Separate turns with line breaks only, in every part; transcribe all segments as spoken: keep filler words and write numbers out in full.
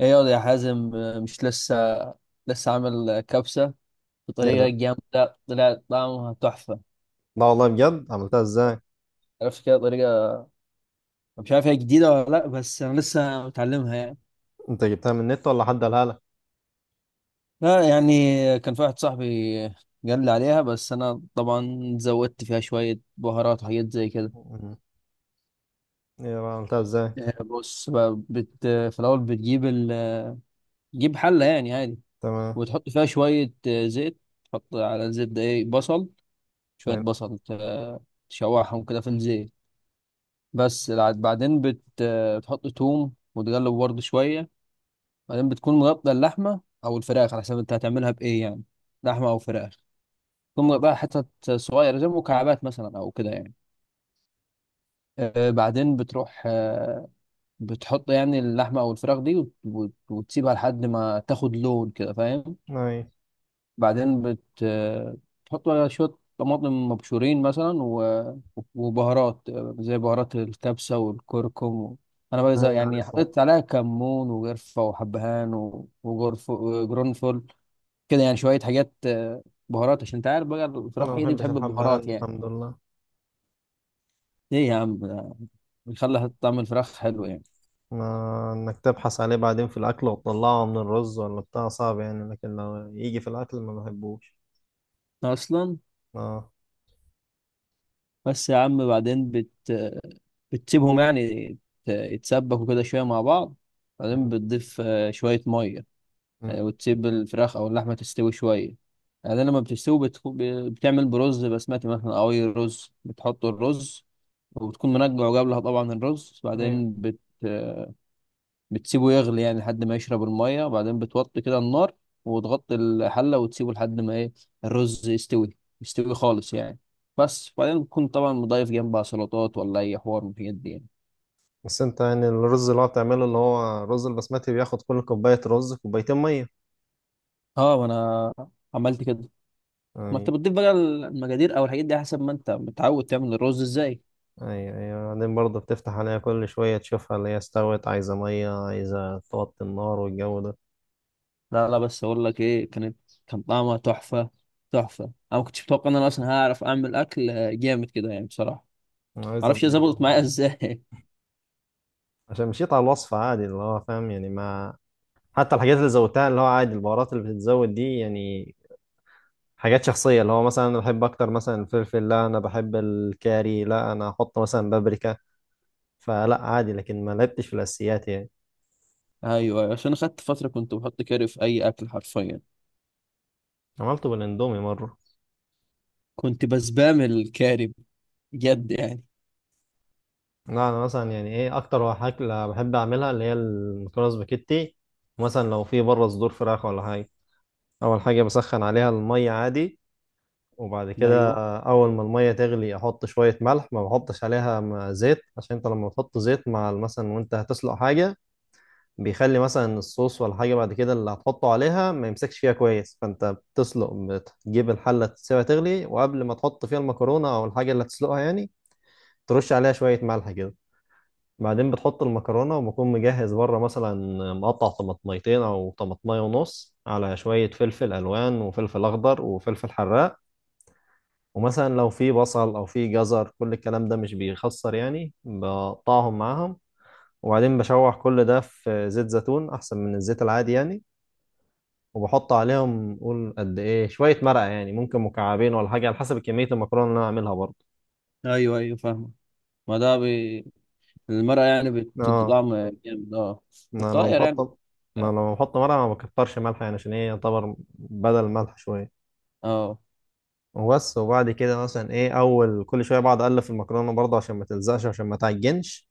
ايه ياض يا حازم، آه، مش لسه، لسه عامل آه، كبسة
ايه
بطريقة
ده؟
جامدة. طلعت طعمها تحفة.
لا والله، بجد عملتها ازاي؟
عرفت كده طريقة. مش عارف هي جديدة ولا لا، بس انا لسه متعلمها يعني.
انت جبتها من النت ولا حد قالها لك؟
لا يعني، كان في واحد صاحبي قال لي عليها، بس انا طبعا زودت فيها شوية بهارات وحاجات زي كده.
مم. ايه بقى، عملتها ازاي؟
آه، بص بقى، بت في الاول بتجيب ال... تجيب حلة يعني عادي،
تمام.
وتحط فيها شوية آه، زيت. تحط على الزيت ده ايه؟ بصل. شوية
اي.
بصل آه، تشوحهم كده في الزيت. بس الع- بعدين بت... بتحط توم وتقلب برضه شوية. بعدين بتكون مغطى اللحمة أو الفراخ، على حسب أنت هتعملها بإيه يعني، لحمة أو فراخ. تكون مغطاها حتت صغيرة زي مكعبات مثلا أو كده يعني. آه بعدين بتروح، آه بتحط يعني اللحمة أو الفراخ دي وت... وت... وتسيبها لحد ما تاخد لون كده، فاهم؟
اي.
بعدين بت بتحط بقى شوية طماطم مبشورين مثلا و... وبهارات، زي بهارات الكبسة والكركم. أنا بقى زي-
أي،
يعني
عارفه.
حطيت عليها كمون وقرفة وحبهان و- وجرف وجرنفل، كده يعني شوية حاجات آه، بهارات، عشان أنت عارف بقى الفراخ
انا ما
هي دي
بحبش
بتحب
الحبهان،
البهارات يعني.
الحمد لله.
إيه يا عم، ده بيخلي طعم الفراخ حلو يعني
ما انك تبحث عليه بعدين في الاكل وتطلعه من الرز ولا بتاع صعب يعني، لكن لو يجي في الاكل ما بحبوش.
أصلا.
اه.
بس يا عم، بعدين بت... بتسيبهم يعني يت- يتسبكوا كده شوية مع بعض. بعدين
مم.
بتضيف آه، شوية مية،
مم.
آه، وتسيب الفراخ أو اللحمة تستوي شوية. بعدين لما بتستوي بتخ... ب- بتعمل برز بسمتي مثلا أو أي رز. بتحط الرز، وبتكون منقع قبلها طبعا الرز.
ايوه.
بعدين بت... بتسيبه يغلي يعني لحد ما يشرب المية، وبعدين بتوطي كده النار وتغطي الحلة وتسيبه لحد ما ايه، الرز يستوي، يستوي خالص يعني، بس. وبعدين بتكون طبعا مضيف جنبها سلطات ولا اي حوار من الحاجات دي يعني.
بس انت يعني الرز اللي هو بتعمله اللي هو رز البسمتي بياخد كل كوباية رز كوبايتين مية.
اه، ما انا عملت كده. ما
اي.
انت بتضيف بقى المجادير او الحاجات دي حسب ما انت متعود تعمل الرز ازاي.
ايوه ايوه، بعدين برضه بتفتح عليها كل شوية تشوفها اللي هي استوت، عايزة مية، عايزة توطي النار والجو ده.
لا لا، بس اقول لك ايه، كانت، كان طعمها تحفة، تحفة. انا ما كنتش متوقع ان انا اصلا هعرف اعمل اكل آه، جامد كده يعني، بصراحة.
عايزة
معرفش هي
بيها.
ظبطت معايا ازاي.
عشان مشيت على الوصفة عادي اللي هو فاهم يعني ما. حتى الحاجات اللي زودتها اللي هو عادي، البهارات اللي بتتزود دي يعني حاجات شخصية، اللي هو مثلا أنا بحب أكتر مثلا الفلفل، لا أنا بحب الكاري، لا أنا أحط مثلا بابريكا، فلا عادي لكن ما لعبتش في الأساسيات يعني.
ايوه، أيوة. عشان خدت فتره كنت بحط كاري في اي اكل حرفيا،
عملته بالإندومي مرة.
كنت بسبام الكاري، بجد يعني.
لا انا مثلا يعني ايه اكتر اكله بحب اعملها اللي هي المكرونه سباكيتي. مثلا لو في بره صدور فراخ ولا حاجه، اول حاجه بسخن عليها الميه عادي. وبعد كده
ايوه،
اول ما الميه تغلي احط شويه ملح، ما بحطش عليها م- زيت، عشان انت لما تحط زيت مع ال- مثلا وانت هتسلق حاجه، بيخلي مثلا الصوص ولا حاجه بعد كده اللي هتحطه عليها ما يمسكش فيها كويس. فانت بتسلق، بتجيب الحله تسيبها تغلي، وقبل ما تحط فيها المكرونه او الحاجه اللي هتسلقها يعني ترش عليها شويه ملح كده. بعدين بتحط المكرونة وبكون مجهز بره مثلا مقطع طماطميتين أو طماطمية ونص، على شوية فلفل ألوان وفلفل أخضر وفلفل حراق. ومثلا لو في بصل أو في جزر كل الكلام ده مش بيخسر يعني بقطعهم معاهم. وبعدين بشوح كل ده في زيت زيتون أحسن من الزيت العادي يعني. وبحط عليهم قول قد إيه شوية مرقة، يعني ممكن مكعبين ولا حاجة على حسب كمية المكرونة اللي أنا أعملها برضه.
ايوه ايوه فاهمه. ما ده بي... المرقه يعني بتدي
اه.
طعم جامد، اه.
انا لو
بتطير يعني،
بحط ما لو بحط ملح ما بكترش ملح يعني، عشان ايه يعتبر بدل الملح شويه.
اه.
وبس. وبعد كده مثلا ايه اول كل شويه بقعد اقلب في المكرونه برضه عشان ما تلزقش، عشان ما تعجنش.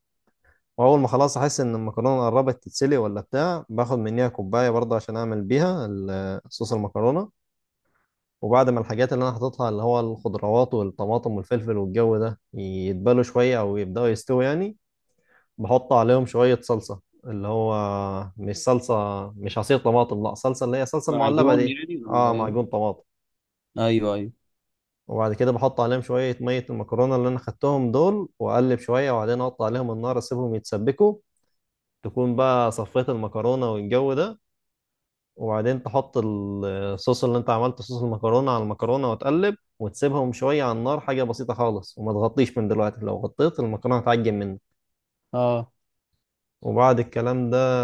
واول ما خلاص احس ان المكرونه قربت تتسلق ولا بتاع، باخد منيها كوبايه برضه عشان اعمل بيها ال- صوص المكرونه. وبعد ما الحاجات اللي انا حاططها اللي هو الخضروات والطماطم والفلفل والجو ده يتبلوا شويه او يبداوا يستووا يعني، بحط عليهم شوية صلصة، اللي هو مش صلصة، مش عصير طماطم، لا صلصة اللي هي صلصة المعلبة
معجون
دي.
يعني
اه،
ولا
معجون
ايه؟
طماطم.
ايوه ايوه،
وبعد كده بحط عليهم شوية مية المكرونة اللي أنا خدتهم دول وأقلب شوية، وبعدين أحط عليهم النار أسيبهم يتسبكوا. تكون بقى صفيت المكرونة والجو ده، وبعدين تحط الصوص اللي أنت عملته، صوص المكرونة على المكرونة وتقلب وتسيبهم شوية على النار، حاجة بسيطة خالص. وما تغطيش من دلوقتي، لو غطيت المكرونة هتعجن منك.
اه
وبعد الكلام ده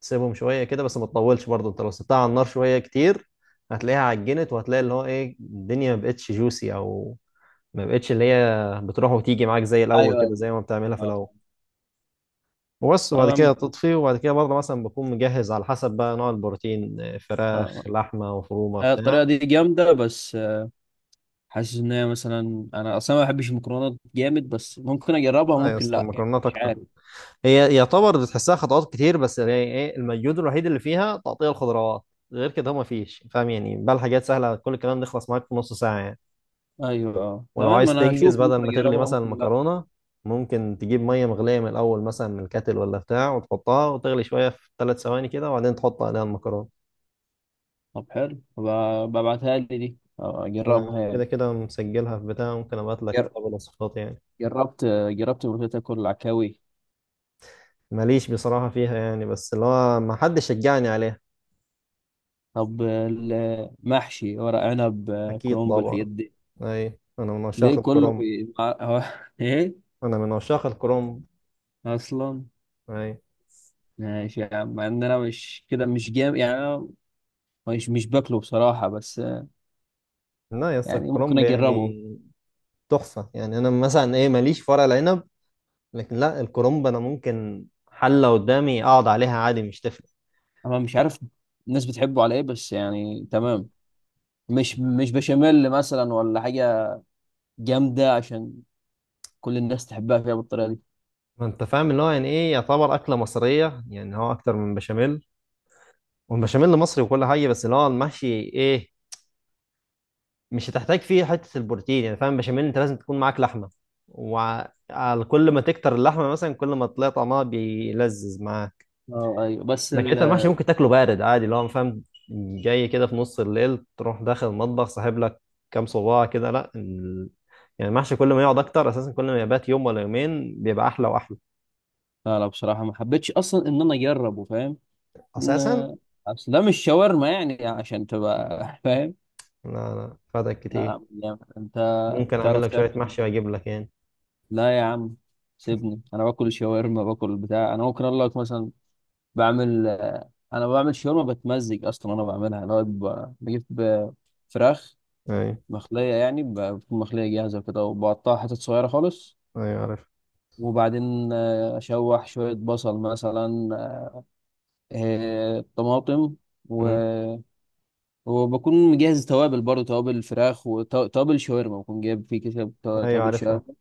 تسيبهم شوية كده، بس ما تطولش برضه، انت لو سبتها على النار شوية كتير هتلاقيها عجنت وهتلاقي اللي هو ايه الدنيا ما بقتش جوسي، او ما بقتش اللي هي بتروح وتيجي معاك زي الاول
ايوه ايوه،
كده زي ما بتعملها في
اه
الاول. وبس،
طبعا آه.
وبعد
يا
كده
عم.
تطفي، وبعد كده برضه مثلا بكون مجهز على حسب بقى نوع البروتين، آه، فراخ،
آه،
لحمة مفرومة،
آه،
بتاع.
الطريقه دي جامده، بس آه، حاسس ان هي مثلا، انا اصلا ما بحبش المكرونات جامد، بس ممكن اجربها
لا يا
ممكن
اسطى،
لا يعني،
المكرونات
مش
اكتر.
عارف.
هي يعتبر بتحسها خطوات كتير، بس يعني ايه المجهود الوحيد اللي فيها تقطيع الخضروات، غير كده ما فيش فاهم يعني، بقى الحاجات سهله، كل الكلام ده يخلص معاك في نص ساعه يعني.
ايوه، اه
ولو
تمام.
عايز
انا
تنجز
هشوف،
بدل
ممكن
ما تغلي
اجربها
مثلا
ممكن لا.
المكرونه، ممكن تجيب ميه مغليه من الاول مثلا من الكاتل ولا بتاع وتحطها وتغلي شويه في ثلاث ثواني كده، وبعدين تحط عليها المكرونه.
طب حلو، ب- ببعتها لي دي، أه، اجربها
آه، كده
يعني.
كده مسجلها في بتاع، ممكن ابعت لك
جر-
كتاب الوصفات يعني.
جربت جربت ملوخية اكل العكاوي.
ماليش بصراحه فيها يعني، بس اللي هو ما حدش شجعني عليها.
طب المحشي، ورق عنب،
اكيد
كرنب، الحاجات
طبعا.
دي.
اي. انا من
ليه
عشاق
كله
الكرنب.
بي... مع- هو ايه؟
انا من عشاق الكرومب.
اصلا.
اي.
ماشي يا عم، مع ان انا مش كده، مش جام يعني. انا مش مش باكله بصراحة، بس
لا يا اسطى،
يعني ممكن
الكرومب
اجربه.
يعني تحفه يعني. انا مثلا ايه، ماليش في ورق العنب، لكن لا الكرومب انا ممكن حله قدامي اقعد عليها عادي مش تفرق.
انا مش عارف الناس بتحبه على ايه، بس يعني تمام. مش مش بشاميل مثلا ولا حاجة جامدة عشان كل الناس تحبها، فيها بالطريقة دي،
ما انت فاهم اللي هو يعني ايه، يعتبر اكله مصريه يعني، هو اكتر من بشاميل، والبشاميل مصري وكل حاجه، بس اللي هو المحشي ايه، مش هتحتاج فيه حته البروتين يعني، فاهم، بشاميل انت لازم تكون معاك لحمه، وكل ما تكتر اللحمه مثلا كل ما تلاقي طعمها بيلذذ معاك.
اه. ايوه بس.
لكن انت المحشي ممكن تاكله بارد عادي اللي هو فاهم، جاي كده في نص الليل تروح داخل المطبخ ساحب لك كام صباع كده، لا ال... يعني المحشي كل ما يقعد اكتر اساسا كل ما يبات يوم ولا يومين بيبقى احلى واحلى.
لا لا، بصراحة ما حبيتش أصلا إن أنا أجربه، فاهم؟ إن
اساسا.
أصل ده مش شاورما يعني عشان تبقى فاهم.
لا لا، فاتك كتير.
لا، يعني أنت
ممكن اعمل
بتعرف
لك
تعمل؟
شويه محشي واجيب لك يعني.
لا يا عم، سيبني. أنا باكل شاورما، باكل بتاع. أنا ممكن أقول لك مثلا بعمل آه، أنا بعمل شاورما بتمزج أصلا. أنا بعملها اللي هو ب- بجيب ب- فراخ
ايوه
مخلية يعني، ب- بتكون مخلية جاهزة كده، وبقطعها حتت صغيرة خالص.
ايوه عارف.
وبعدين آه، أشوح شوية بصل مثلا، آه، طماطم، و
مم.
وبكون مجهز توابل برضه، توابل فراخ وتوابل شاورما، بكون جايب في كده تو-
ايوه
توابل
عارفها.
شاورما.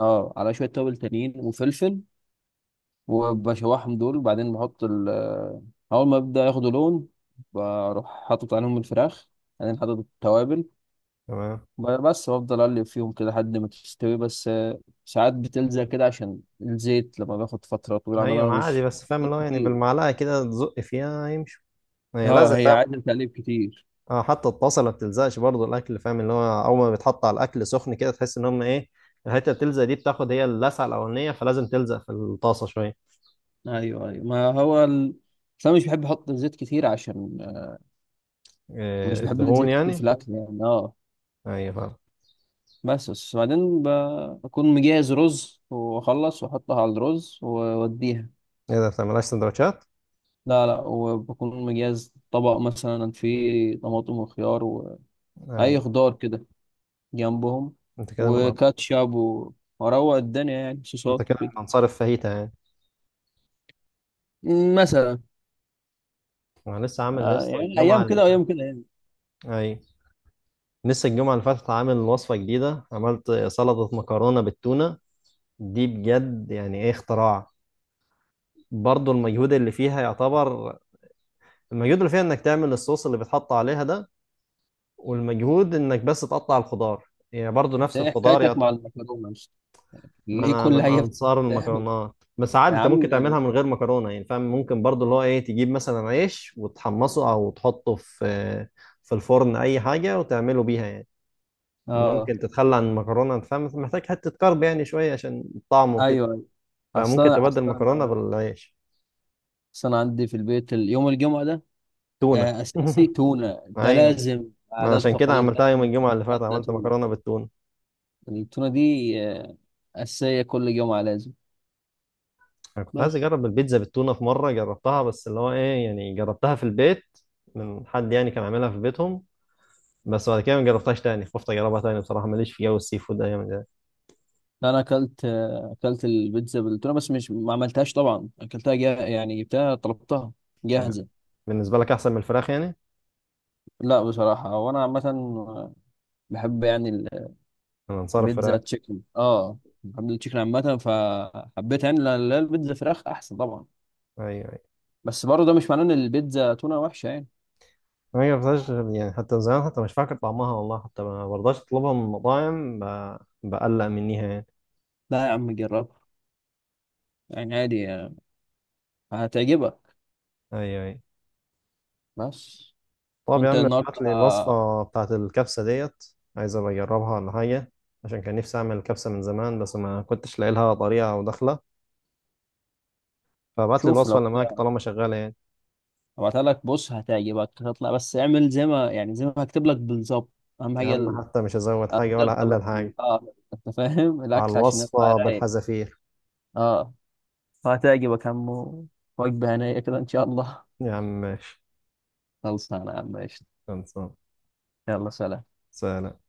اه، على شويه توابل تانيين وفلفل. وبشوحهم دول، وبعدين بحط ال اول ما ببدأ ياخدوا لون بروح حاطط عليهم الفراخ، بعدين حاطط التوابل.
تمام.
ب- بس بفضل اقلب فيهم كده لحد ما تستوي، بس آه، ساعات بتلزق كده عشان الزيت لما باخد فتره طويله، عن
ايوه،
انا
ما عادي
مش،
بس فاهم اللي
زيت
هو يعني
كتير.
بالمعلقه كده تزق فيها يمشي. هي لازم
اه، هي
بقى.
عايزه تقليب كتير.
اه، حتى الطاسه ما بتلزقش برضو الاكل فاهم، اللي هو اول ما بيتحط على الاكل سخن كده تحس ان هم ايه، الحته بتلزق دي بتاخد هي اللسعه الاولانيه، فلازم تلزق في الطاسه شويه.
ايوه ايوه، ما هو ال... بس انا مش بحب احط زيت كتير، عشان مش
إيه،
بحب
الدهون
الزيت كتير
يعني.
في الاكل يعني، اه.
ايوه فعلا.
بس بس بعدين ب- بكون مجهز رز واخلص واحطها على الرز واوديها.
ايه ده، ما بتعملهاش سندوتشات؟
لا لا، وبكون مجهز طبق مثلا فيه طماطم وخيار واي
ايوه.
خضار كده جنبهم،
انت كده من
وكاتشب و- واروق الدنيا يعني،
انت
صوصات
كده
وكده
من انصار الفاهيتا يعني.
مثلا.
انا لسه عامل،
آه
لسه
يعني
الجمعه
ايام
اللي
كده
فاتت.
وايام كده يعني.
ايوه، لسه الجمعه اللي فاتت عامل وصفه جديده، عملت سلطه مكرونه بالتونه. دي بجد يعني ايه اختراع. برضو المجهود اللي فيها يعتبر، المجهود اللي فيها انك تعمل الصوص اللي بيتحط عليها ده، والمجهود انك بس تقطع الخضار يعني برضو
انت
نفس
ايه
الخضار يا
حكايتك
ط-
مع المكرونه؟ مش
ما
ليه
انا
كل
من
حاجه
انصار
بتعمل
المكرونات، بس عادي
يا
انت ممكن
عم؟
تعملها من غير مكرونه يعني، فاهم، ممكن برضو اللي هو ايه تجيب مثلا عيش وتحمصه او تحطه في في الفرن اي حاجه وتعمله بيها يعني،
اه،
ممكن تتخلى عن المكرونه، انت فاهم محتاج حته كرب يعني شويه عشان الطعم وكده،
ايوه،
فممكن
اصلا
تبدل المكرونه
اصلا.
بالعيش.
بس انا عندي في البيت ال- يوم الجمعه ده
تونه
آه، اساسي تونه، ده
ايوه،
لازم،
ما انا
عادات
عشان كده
وتقاليد
عملتها يوم
لازم.
الجمعه اللي فات،
نبدا
عملت
تونه.
مكرونه بالتونه.
التونه دي آه، اساسيه، كل جمعه لازم.
انا كنت عايز
بس
اجرب البيتزا بالتونه في مره جربتها، بس اللي هو ايه يعني جربتها في البيت من حد يعني كان عاملها في بيتهم. بس بعد كده ما جربتهاش تاني، خفت اجربها تاني بصراحه، ماليش في جو السي فود ده يعني.
انا اكلت آه، اكلت البيتزا بالتونه، بس مش، ما عملتهاش طبعا، اكلتها جا... يعني جبتها، طلبتها
ده
جاهزه.
بالنسبه لك احسن من الفراخ يعني.
لا بصراحه، وانا عامه آه، بحب يعني
انا انصار
البيتزا
الفراخ.
تشيكن، اه، بحب التشيكن عامه فحبيت يعني. لا لا، البيتزا فراخ احسن طبعا،
ايوه ايوه.
بس برضه ده مش معناه ان البيتزا تونه وحشه يعني.
ما جربتهاش يعني، حتى من زمان حتى مش فاكر طعمها والله، حتى ما برضاش اطلبها من المطاعم ب... بقلق منيها يعني.
لا يا عم، جرب يعني عادي هتعجبك،
ايوه ايوه.
بس.
طب يا
انت
عم، ابعت
النهارده،
لي الوصفه بتاعت الكبسه ديت، عايز ابقى اجربها ولا حاجه، عشان كان نفسي اعمل كبسه من زمان بس ما كنتش لاقي لها طريقه او دخله، فابعت لي
شوف
الوصفة
لو
اللي معاك
كده
طالما شغالة يعني.
هبعتها لك. بص هتعجبك، هتطلع، بس اعمل زي ما يعني، زي ما هكتب لك بالظبط. اهم
يا
حاجه
عم
ال-
حتى مش هزود حاجة ولا
الدقه، بقى
هقلل
في ال-
حاجة،
اه انت فاهم
على
الاكل عشان يطلع
الوصفة
رايق،
بالحذافير.
اه. فهتعجبك يا عم. وجبه هنيه كده ان شاء الله.
يا عم ماشي.
خلصانه يا عم، قشطة.
خلصان.
يلا سلام.
سلام.